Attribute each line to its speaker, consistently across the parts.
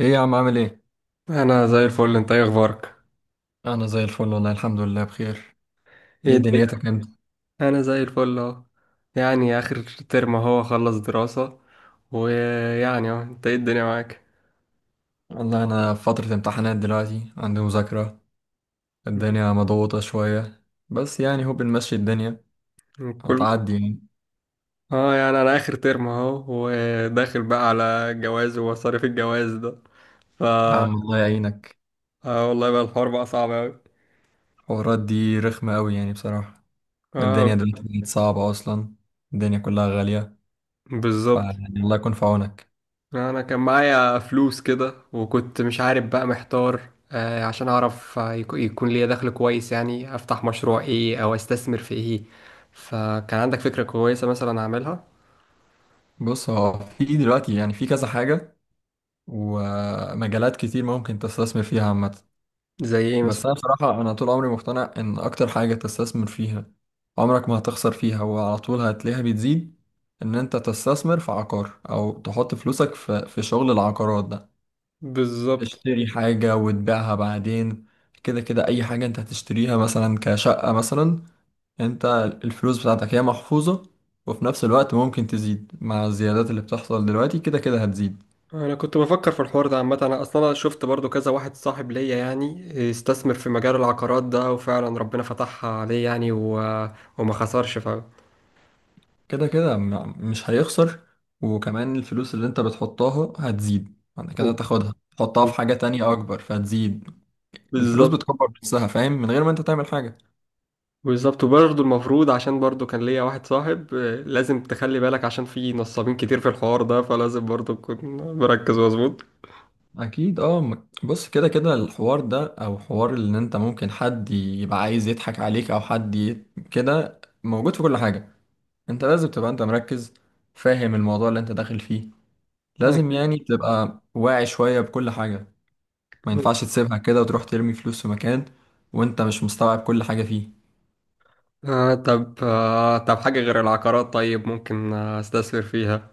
Speaker 1: ايه يا عم عامل ايه؟
Speaker 2: انا زي الفل. انت ايه اخبارك؟
Speaker 1: انا زي الفل والله الحمد لله بخير.
Speaker 2: ايه
Speaker 1: ايه
Speaker 2: الدنيا؟
Speaker 1: دنيتك انت؟
Speaker 2: انا زي الفل اهو. يعني اخر ترم اهو، خلص دراسة. ويعني اهو، انت ايه الدنيا معاك؟
Speaker 1: والله انا في فترة امتحانات دلوقتي عندي مذاكرة، الدنيا مضغوطة شوية، بس هو بنمشي الدنيا،
Speaker 2: كل
Speaker 1: هتعدي يعني.
Speaker 2: اه، يعني انا اخر ترم اهو، وداخل بقى على جواز ومصاريف الجواز ده. ف
Speaker 1: يا عم الله يعينك،
Speaker 2: اه والله بقى الحوار بقى صعب اوي.
Speaker 1: الحوارات دي رخمة قوي يعني بصراحة، الدنيا
Speaker 2: اه.
Speaker 1: دلوقتي بقت صعبة اصلا، الدنيا كلها غالية،
Speaker 2: بالظبط.
Speaker 1: الله يكون في عونك.
Speaker 2: انا كان معايا فلوس كده، وكنت مش عارف بقى، محتار. عشان اعرف، يكون ليا دخل كويس، يعني افتح مشروع ايه او استثمر في ايه. فكان عندك فكرة كويسة مثلا اعملها.
Speaker 1: بص، هو في دلوقتي في كذا حاجة ومجالات كتير ممكن تستثمر فيها عامة،
Speaker 2: زي ايه
Speaker 1: بس
Speaker 2: مثلا؟
Speaker 1: انا بصراحه طول عمري مقتنع ان اكتر حاجه تستثمر فيها، عمرك ما هتخسر فيها وعلى طول هتلاقيها بتزيد، ان انت تستثمر في عقار او تحط فلوسك في شغل العقارات ده،
Speaker 2: بالظبط.
Speaker 1: تشتري حاجه وتبيعها بعدين، كده كده اي حاجه انت هتشتريها مثلا كشقه مثلا، انت الفلوس بتاعتك هي محفوظه، وفي نفس الوقت ممكن تزيد مع الزيادات اللي بتحصل دلوقتي، كده كده هتزيد.
Speaker 2: انا كنت بفكر في الحوار ده عامه. انا اصلا أنا شفت برضو كذا واحد صاحب ليا، يعني استثمر في مجال العقارات ده، وفعلا ربنا فتحها عليه يعني. وما خسرش.
Speaker 1: كده كده مش هيخسر، وكمان الفلوس اللي انت بتحطها هتزيد، بعد كده
Speaker 2: و-
Speaker 1: تاخدها تحطها في حاجة تانية أكبر فهتزيد، الفلوس
Speaker 2: بالظبط.
Speaker 1: بتكبر نفسها، فاهم، من غير ما انت تعمل حاجة.
Speaker 2: بالظبط. وبرضه المفروض، عشان برضه كان ليا واحد صاحب، لازم تخلي بالك، عشان في نصابين كتير في الحوار ده، فلازم برضه تكون مركز مظبوط.
Speaker 1: أكيد اه، بص كده كده الحوار ده أو حوار إن انت ممكن حد يبقى عايز يضحك عليك كده موجود في كل حاجة، انت لازم تبقى انت مركز، فاهم الموضوع اللي انت داخل فيه، لازم
Speaker 2: أكيد.
Speaker 1: يعني تبقى واعي شوية بكل حاجة، ما ينفعش تسيبها كده وتروح ترمي فلوس في مكان وانت مش مستوعب كل حاجة فيه.
Speaker 2: آه، طب حاجة غير العقارات، طيب ممكن استثمر فيها؟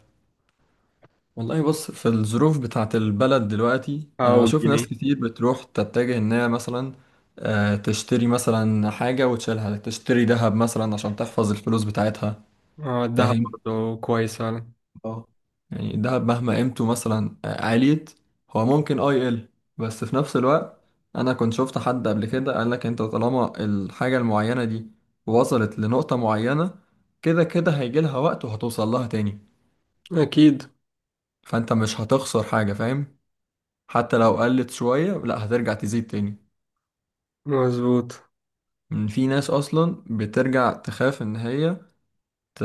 Speaker 1: والله بص، في الظروف بتاعت البلد دلوقتي انا
Speaker 2: أو
Speaker 1: بشوف
Speaker 2: الجنيه.
Speaker 1: ناس كتير بتروح تتجه انها مثلا تشتري مثلا حاجة وتشيلها، تشتري ذهب مثلا عشان تحفظ الفلوس بتاعتها،
Speaker 2: آه، الذهب
Speaker 1: فاهم.
Speaker 2: برضه كويس فعلا.
Speaker 1: اه، يعني الذهب مهما قيمته مثلا عاليت، هو ممكن اه يقل، بس في نفس الوقت انا كنت شفت حد قبل كده قال لك: انت طالما الحاجة المعينة دي وصلت لنقطة معينة، كده كده هيجي لها وقت وهتوصل لها تاني،
Speaker 2: أكيد.
Speaker 1: فانت مش هتخسر حاجة، فاهم، حتى لو قلت شوية لا هترجع تزيد تاني.
Speaker 2: مظبوط.
Speaker 1: إن في ناس أصلا بترجع تخاف إن هي ت...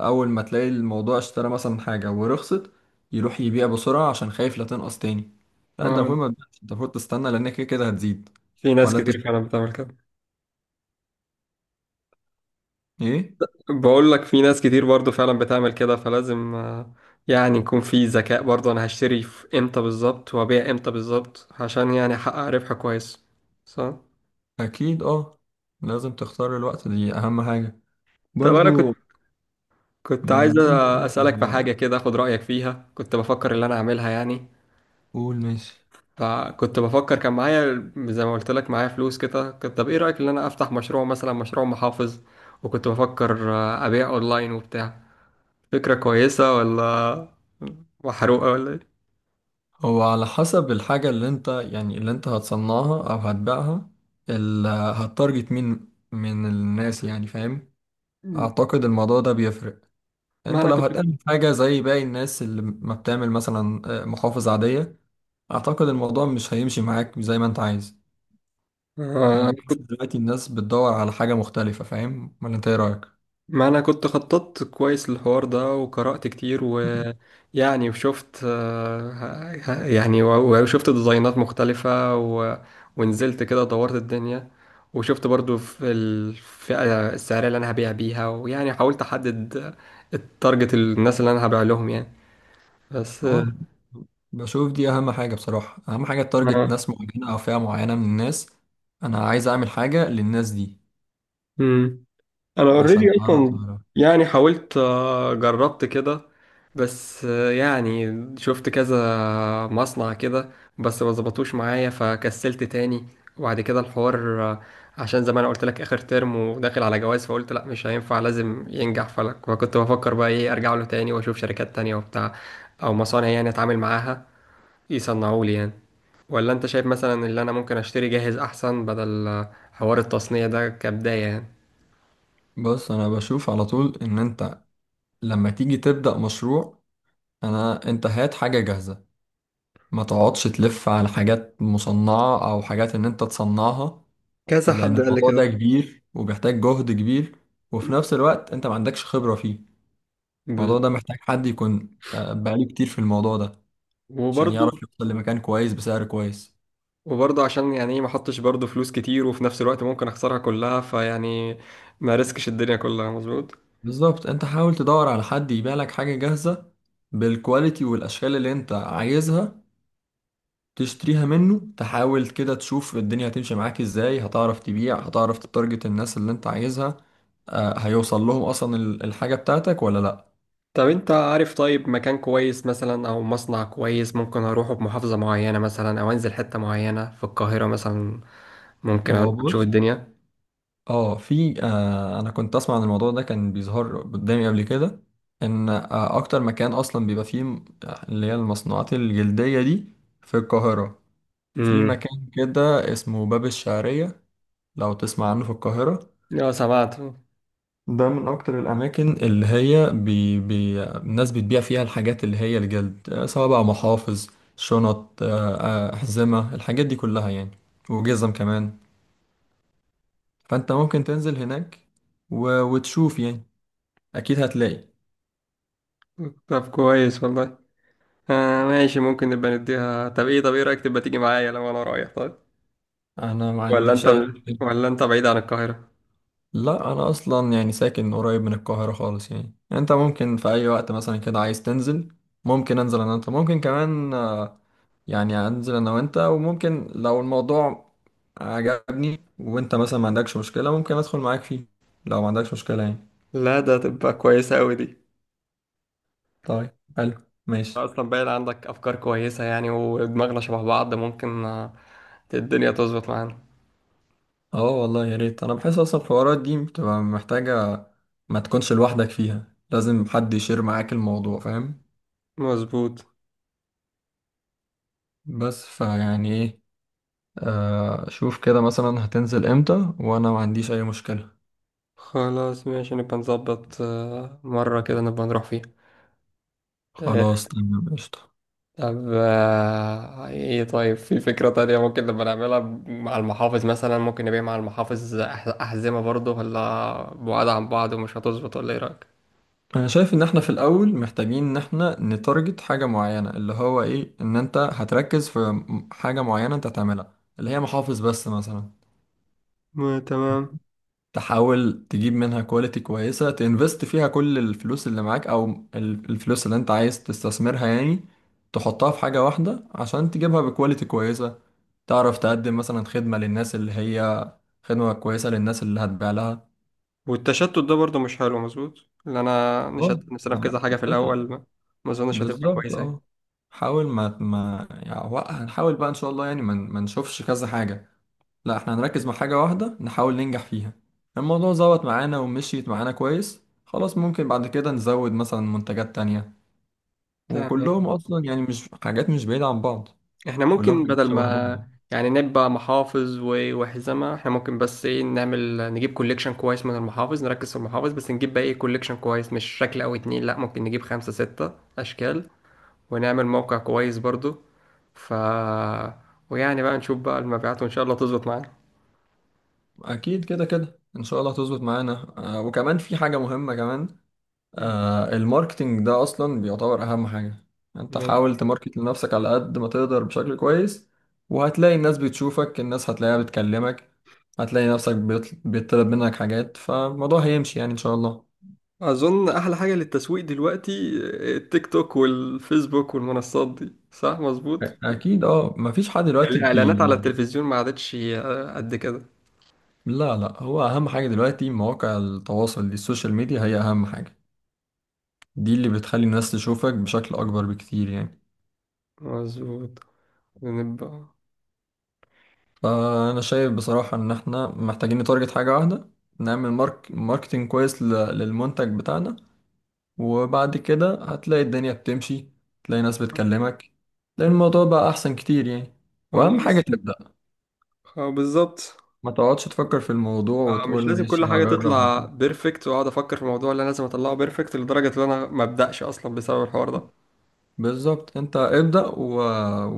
Speaker 1: أول ما تلاقي الموضوع اشترى مثلا حاجة ورخصت، يروح يبيع بسرعة عشان خايف لا تنقص تاني، لا أنت
Speaker 2: آه.
Speaker 1: المفروض ما تبيعش، أنت المفروض تستنى لأن كده كده هتزيد.
Speaker 2: في ناس
Speaker 1: ولا أنت
Speaker 2: كتير
Speaker 1: شايف
Speaker 2: فعلا بتعمل كده.
Speaker 1: إيه؟
Speaker 2: بقول لك في ناس كتير برضو فعلا بتعمل كده، فلازم، يعني يكون في ذكاء، برضو انا هشتري في امتى بالظبط وابيع امتى بالظبط، عشان يعني احقق ربح كويس. صح.
Speaker 1: أكيد أه، لازم تختار الوقت، دي أهم حاجة
Speaker 2: طب انا كنت
Speaker 1: برضو.
Speaker 2: كنت
Speaker 1: من
Speaker 2: عايز
Speaker 1: ضمن
Speaker 2: اسالك في
Speaker 1: ال-
Speaker 2: حاجه كده، اخد رايك فيها. كنت بفكر اللي انا اعملها يعني.
Speaker 1: قول، ماشي.
Speaker 2: فكنت بفكر، كان معايا زي ما قلت لك معايا فلوس كده، كنت، طب ايه رايك ان انا افتح مشروع، مثلا مشروع محافظ. وكنت بفكر ابيع اونلاين وبتاع. فكره كويسه، ولا محروقه، ولا إيه؟
Speaker 1: هو على حسب الحاجة اللي انت اللي انت هتصنعها او هتبيعها، اللي هتارجت مين من الناس يعني، فاهم، اعتقد الموضوع ده بيفرق.
Speaker 2: ما
Speaker 1: انت
Speaker 2: انا
Speaker 1: لو
Speaker 2: كنت
Speaker 1: هتعمل حاجة زي باقي الناس اللي ما بتعمل مثلا محافظ عادية، اعتقد الموضوع مش هيمشي معاك زي ما انت عايز. أنا
Speaker 2: آه، أنا
Speaker 1: بحس
Speaker 2: كنت
Speaker 1: دلوقتي الناس بتدور على حاجة مختلفة، فاهم، ولا انت ايه رأيك؟
Speaker 2: ما أنا كنت خططت كويس للحوار ده، وقرأت كتير، ويعني وشفت وشفت ديزاينات مختلفة. ونزلت كده دورت الدنيا، وشفت برضو في الفئة السعرية اللي أنا هبيع بيها، ويعني حاولت أحدد التارجت، الناس اللي أنا هبيع لهم يعني. بس
Speaker 1: اه، بشوف دي اهم حاجة بصراحة، اهم حاجة تارجت
Speaker 2: آه،
Speaker 1: ناس معينة او فئة معينة من الناس، انا عايز اعمل حاجة للناس دي
Speaker 2: مم. انا اوريدي
Speaker 1: عشان تعرف
Speaker 2: اصلا، يعني حاولت، جربت كده، بس شفت كذا مصنع كده، بس ما ظبطوش معايا فكسلت تاني. وبعد كده الحوار، عشان زي ما انا قلت لك، اخر ترم وداخل على جواز، فقلت لا مش هينفع لازم ينجح فلك. فكنت بفكر بقى ايه، ارجع له تاني واشوف شركات تانية وبتاع، او مصانع يعني اتعامل معاها يصنعوا لي يعني، ولا انت شايف مثلا اللي انا ممكن اشتري جاهز احسن، بدل حوار التصنيع ده كبداية يعني؟
Speaker 1: بص انا بشوف على طول ان انت لما تيجي تبدأ مشروع، انت هات حاجة جاهزة، ما تقعدش تلف على حاجات مصنعة او حاجات ان انت تصنعها،
Speaker 2: كذا
Speaker 1: لان
Speaker 2: حد قال لي
Speaker 1: الموضوع
Speaker 2: كده.
Speaker 1: ده كبير وبيحتاج جهد كبير، وفي نفس الوقت انت ما عندكش خبرة فيه، الموضوع ده
Speaker 2: بز-
Speaker 1: محتاج حد يكون بقاله كتير في الموضوع ده عشان
Speaker 2: وبرضه
Speaker 1: يعرف يوصل لمكان كويس بسعر كويس.
Speaker 2: وبرضه عشان يعني ايه، ما احطش برضه فلوس كتير، وفي نفس الوقت ممكن اخسرها كلها، فيعني ما ريسكش الدنيا كلها، مظبوط.
Speaker 1: بالظبط، انت حاول تدور على حد يبيع لك حاجة جاهزة بالكواليتي والاشكال اللي انت عايزها، تشتريها منه، تحاول كده تشوف الدنيا هتمشي معاك ازاي، هتعرف تبيع، هتعرف تتارجت الناس اللي انت عايزها، هيوصل لهم اصلا الحاجة بتاعتك ولا لا.
Speaker 2: طب انت عارف طيب مكان كويس مثلا، او مصنع كويس ممكن اروحه بمحافظة معينة مثلا، او انزل حتة معينة في القاهرة مثلا؟ ممكن
Speaker 1: هو
Speaker 2: اروح اشوف
Speaker 1: بص،
Speaker 2: الدنيا.
Speaker 1: اه في آه، انا كنت اسمع عن الموضوع ده، كان بيظهر قدامي قبل كده ان آه اكتر مكان اصلا بيبقى فيه اللي هي المصنوعات الجلدية دي في القاهرة، في
Speaker 2: امم.
Speaker 1: مكان كده اسمه باب الشعرية، لو تسمع عنه، في القاهرة
Speaker 2: اه، سمعت.
Speaker 1: ده من أكتر الأماكن اللي هي بي بي الناس بتبيع فيها الحاجات اللي هي الجلد، سواء بقى محافظ، شنط، أحزمة، الحاجات دي كلها يعني، وجزم كمان. فأنت ممكن تنزل هناك وتشوف يعني، أكيد هتلاقي.
Speaker 2: طب كويس والله. آه ماشي، ممكن نبقى نديها. طب ايه رأيك تبقى تيجي معايا لو انا رايح؟ طيب.
Speaker 1: أنا ما
Speaker 2: ولا
Speaker 1: عنديش
Speaker 2: انت،
Speaker 1: أي مشكلة.
Speaker 2: ولا انت بعيد عن القاهرة؟
Speaker 1: لا أنا أصلا يعني ساكن قريب من القاهرة خالص، يعني أنت ممكن في أي وقت مثلا كده عايز تنزل ممكن أنزل أنا، أنت ممكن كمان يعني هنزل انا وانت، وممكن لو الموضوع عجبني وانت مثلا ما عندكش مشكلة ممكن ادخل معاك فيه لو ما عندكش مشكلة يعني.
Speaker 2: لا، ده تبقى كويسة أوي دي.
Speaker 1: طيب، حلو، ماشي.
Speaker 2: اصلا باين عندك افكار كويسه يعني، ودماغنا شبه بعض، ممكن الدنيا تظبط معانا.
Speaker 1: اه والله يا ريت، انا بحس اصلا الحوارات دي بتبقى محتاجة ما تكونش لوحدك فيها، لازم حد يشير معاك الموضوع، فاهم،
Speaker 2: مظبوط.
Speaker 1: بس ايه، آه شوف كده مثلا هتنزل امتى، وانا ما عنديش اي مشكلة.
Speaker 2: خلاص ماشي، نبقى نظبط، مرة كده نبقى نروح فيها. آه،
Speaker 1: خلاص تمام قشطة.
Speaker 2: طب ايه، طيب في فكرة تانية ممكن نبقى نعملها مع المحافظ مثلا، ممكن نبيع مع المحافظ أحزمة برضه، ولا بعاد عن بعض ومش هتظبط، ولا ايه رأيك؟
Speaker 1: انا شايف ان احنا في الاول محتاجين ان احنا نتارجت حاجه معينه، اللي هو ايه، ان انت هتركز في حاجه معينه انت هتعملها اللي هي محافظ بس مثلا،
Speaker 2: ما تمام.
Speaker 1: تحاول تجيب منها كواليتي كويسه، تنفست فيها كل الفلوس اللي معاك او الفلوس اللي انت عايز تستثمرها يعني، تحطها في حاجه واحده عشان تجيبها بكواليتي كويسه، تعرف تقدم مثلا خدمه للناس اللي هي خدمه كويسه للناس اللي هتبيع لها.
Speaker 2: والتشتت ده برضه مش حلو، مظبوط، اللي انا
Speaker 1: اه.
Speaker 2: نشتت نفسنا في
Speaker 1: أم،
Speaker 2: كذا حاجة في الأول. ما اظنش هتبقى
Speaker 1: بالظبط
Speaker 2: كويسة يعني.
Speaker 1: اه، حاول ما ما يعني هنحاول بقى ان شاء الله يعني ما نشوفش كذا حاجة، لا احنا هنركز مع حاجة واحدة نحاول ننجح فيها، الموضوع ظبط معانا ومشيت معانا كويس خلاص ممكن بعد كده نزود مثلا منتجات تانية،
Speaker 2: تمام.
Speaker 1: وكلهم اصلا يعني مش حاجات مش بعيدة عن بعض،
Speaker 2: احنا
Speaker 1: كلهم
Speaker 2: ممكن
Speaker 1: حاجات
Speaker 2: بدل
Speaker 1: شبه بعض.
Speaker 2: ما يعني نبقى محافظ وحزمة، احنا ممكن بس ايه، نعمل نجيب كوليكشن كويس من المحافظ، نركز في المحافظ بس، نجيب بقى ايه كوليكشن كويس، مش شكل او اتنين، لا ممكن نجيب خمسة ستة اشكال، ونعمل موقع كويس برضو. ف ويعني بقى نشوف بقى المبيعات، وان شاء الله تظبط معانا.
Speaker 1: اكيد كده كده ان شاء الله هتظبط معانا، وكمان في حاجة مهمة كمان، آه الماركتينج ده اصلا بيعتبر اهم حاجة، انت
Speaker 2: مم.
Speaker 1: حاول تماركت لنفسك على قد ما تقدر بشكل كويس، وهتلاقي الناس بتشوفك، الناس هتلاقيها بتكلمك، هتلاقي نفسك بيطلب منك حاجات، فالموضوع هيمشي يعني ان شاء الله.
Speaker 2: اظن احلى حاجة للتسويق دلوقتي التيك توك والفيسبوك والمنصات دي، صح؟ مظبوط.
Speaker 1: اكيد اه، مفيش حد دلوقتي
Speaker 2: الاعلانات
Speaker 1: بي.
Speaker 2: على التلفزيون ما عادتش قد كده.
Speaker 1: لا لا، هو اهم حاجة دلوقتي مواقع التواصل دي، السوشيال ميديا هي اهم حاجة، دي اللي بتخلي الناس تشوفك بشكل اكبر بكتير يعني.
Speaker 2: مظبوط. نبقى.
Speaker 1: فأنا شايف بصراحة إن إحنا محتاجين نتارجت حاجة واحدة، نعمل ماركتينج كويس للمنتج بتاعنا، وبعد كده هتلاقي الدنيا بتمشي، تلاقي ناس بتكلمك، تلاقي الموضوع بقى أحسن كتير يعني، وأهم حاجة
Speaker 2: خلاص.
Speaker 1: تبدأ،
Speaker 2: اه بالظبط.
Speaker 1: ما تقعدش تفكر في الموضوع
Speaker 2: اه،
Speaker 1: وتقول
Speaker 2: مش لازم كل
Speaker 1: ماشي
Speaker 2: حاجة
Speaker 1: هجرب.
Speaker 2: تطلع بيرفكت، واقعد افكر في الموضوع اللي انا لازم اطلعه بيرفكت لدرجة ان انا ما ابدأش اصلا بسبب الحوار ده.
Speaker 1: بالظبط، أنت ابدأ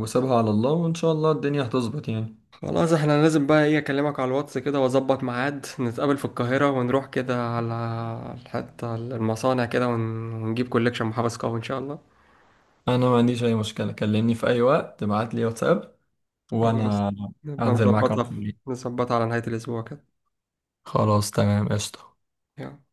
Speaker 1: وسيبها على الله وإن شاء الله الدنيا هتظبط يعني.
Speaker 2: خلاص، احنا لازم بقى ايه، اكلمك على الواتس كده، واظبط ميعاد نتقابل في القاهرة، ونروح كده على حتة المصانع كده، ونجيب كوليكشن محبس قوي ان شاء الله.
Speaker 1: أنا ما عنديش أي مشكلة، كلمني في أي وقت ابعت لي واتساب
Speaker 2: خلاص.
Speaker 1: وأنا
Speaker 2: نبقى
Speaker 1: هنزل معاك على
Speaker 2: نظبطها.
Speaker 1: طول.
Speaker 2: نظبطها على نهاية الاسبوع كده.
Speaker 1: خلاص تمام قشطة.
Speaker 2: يلا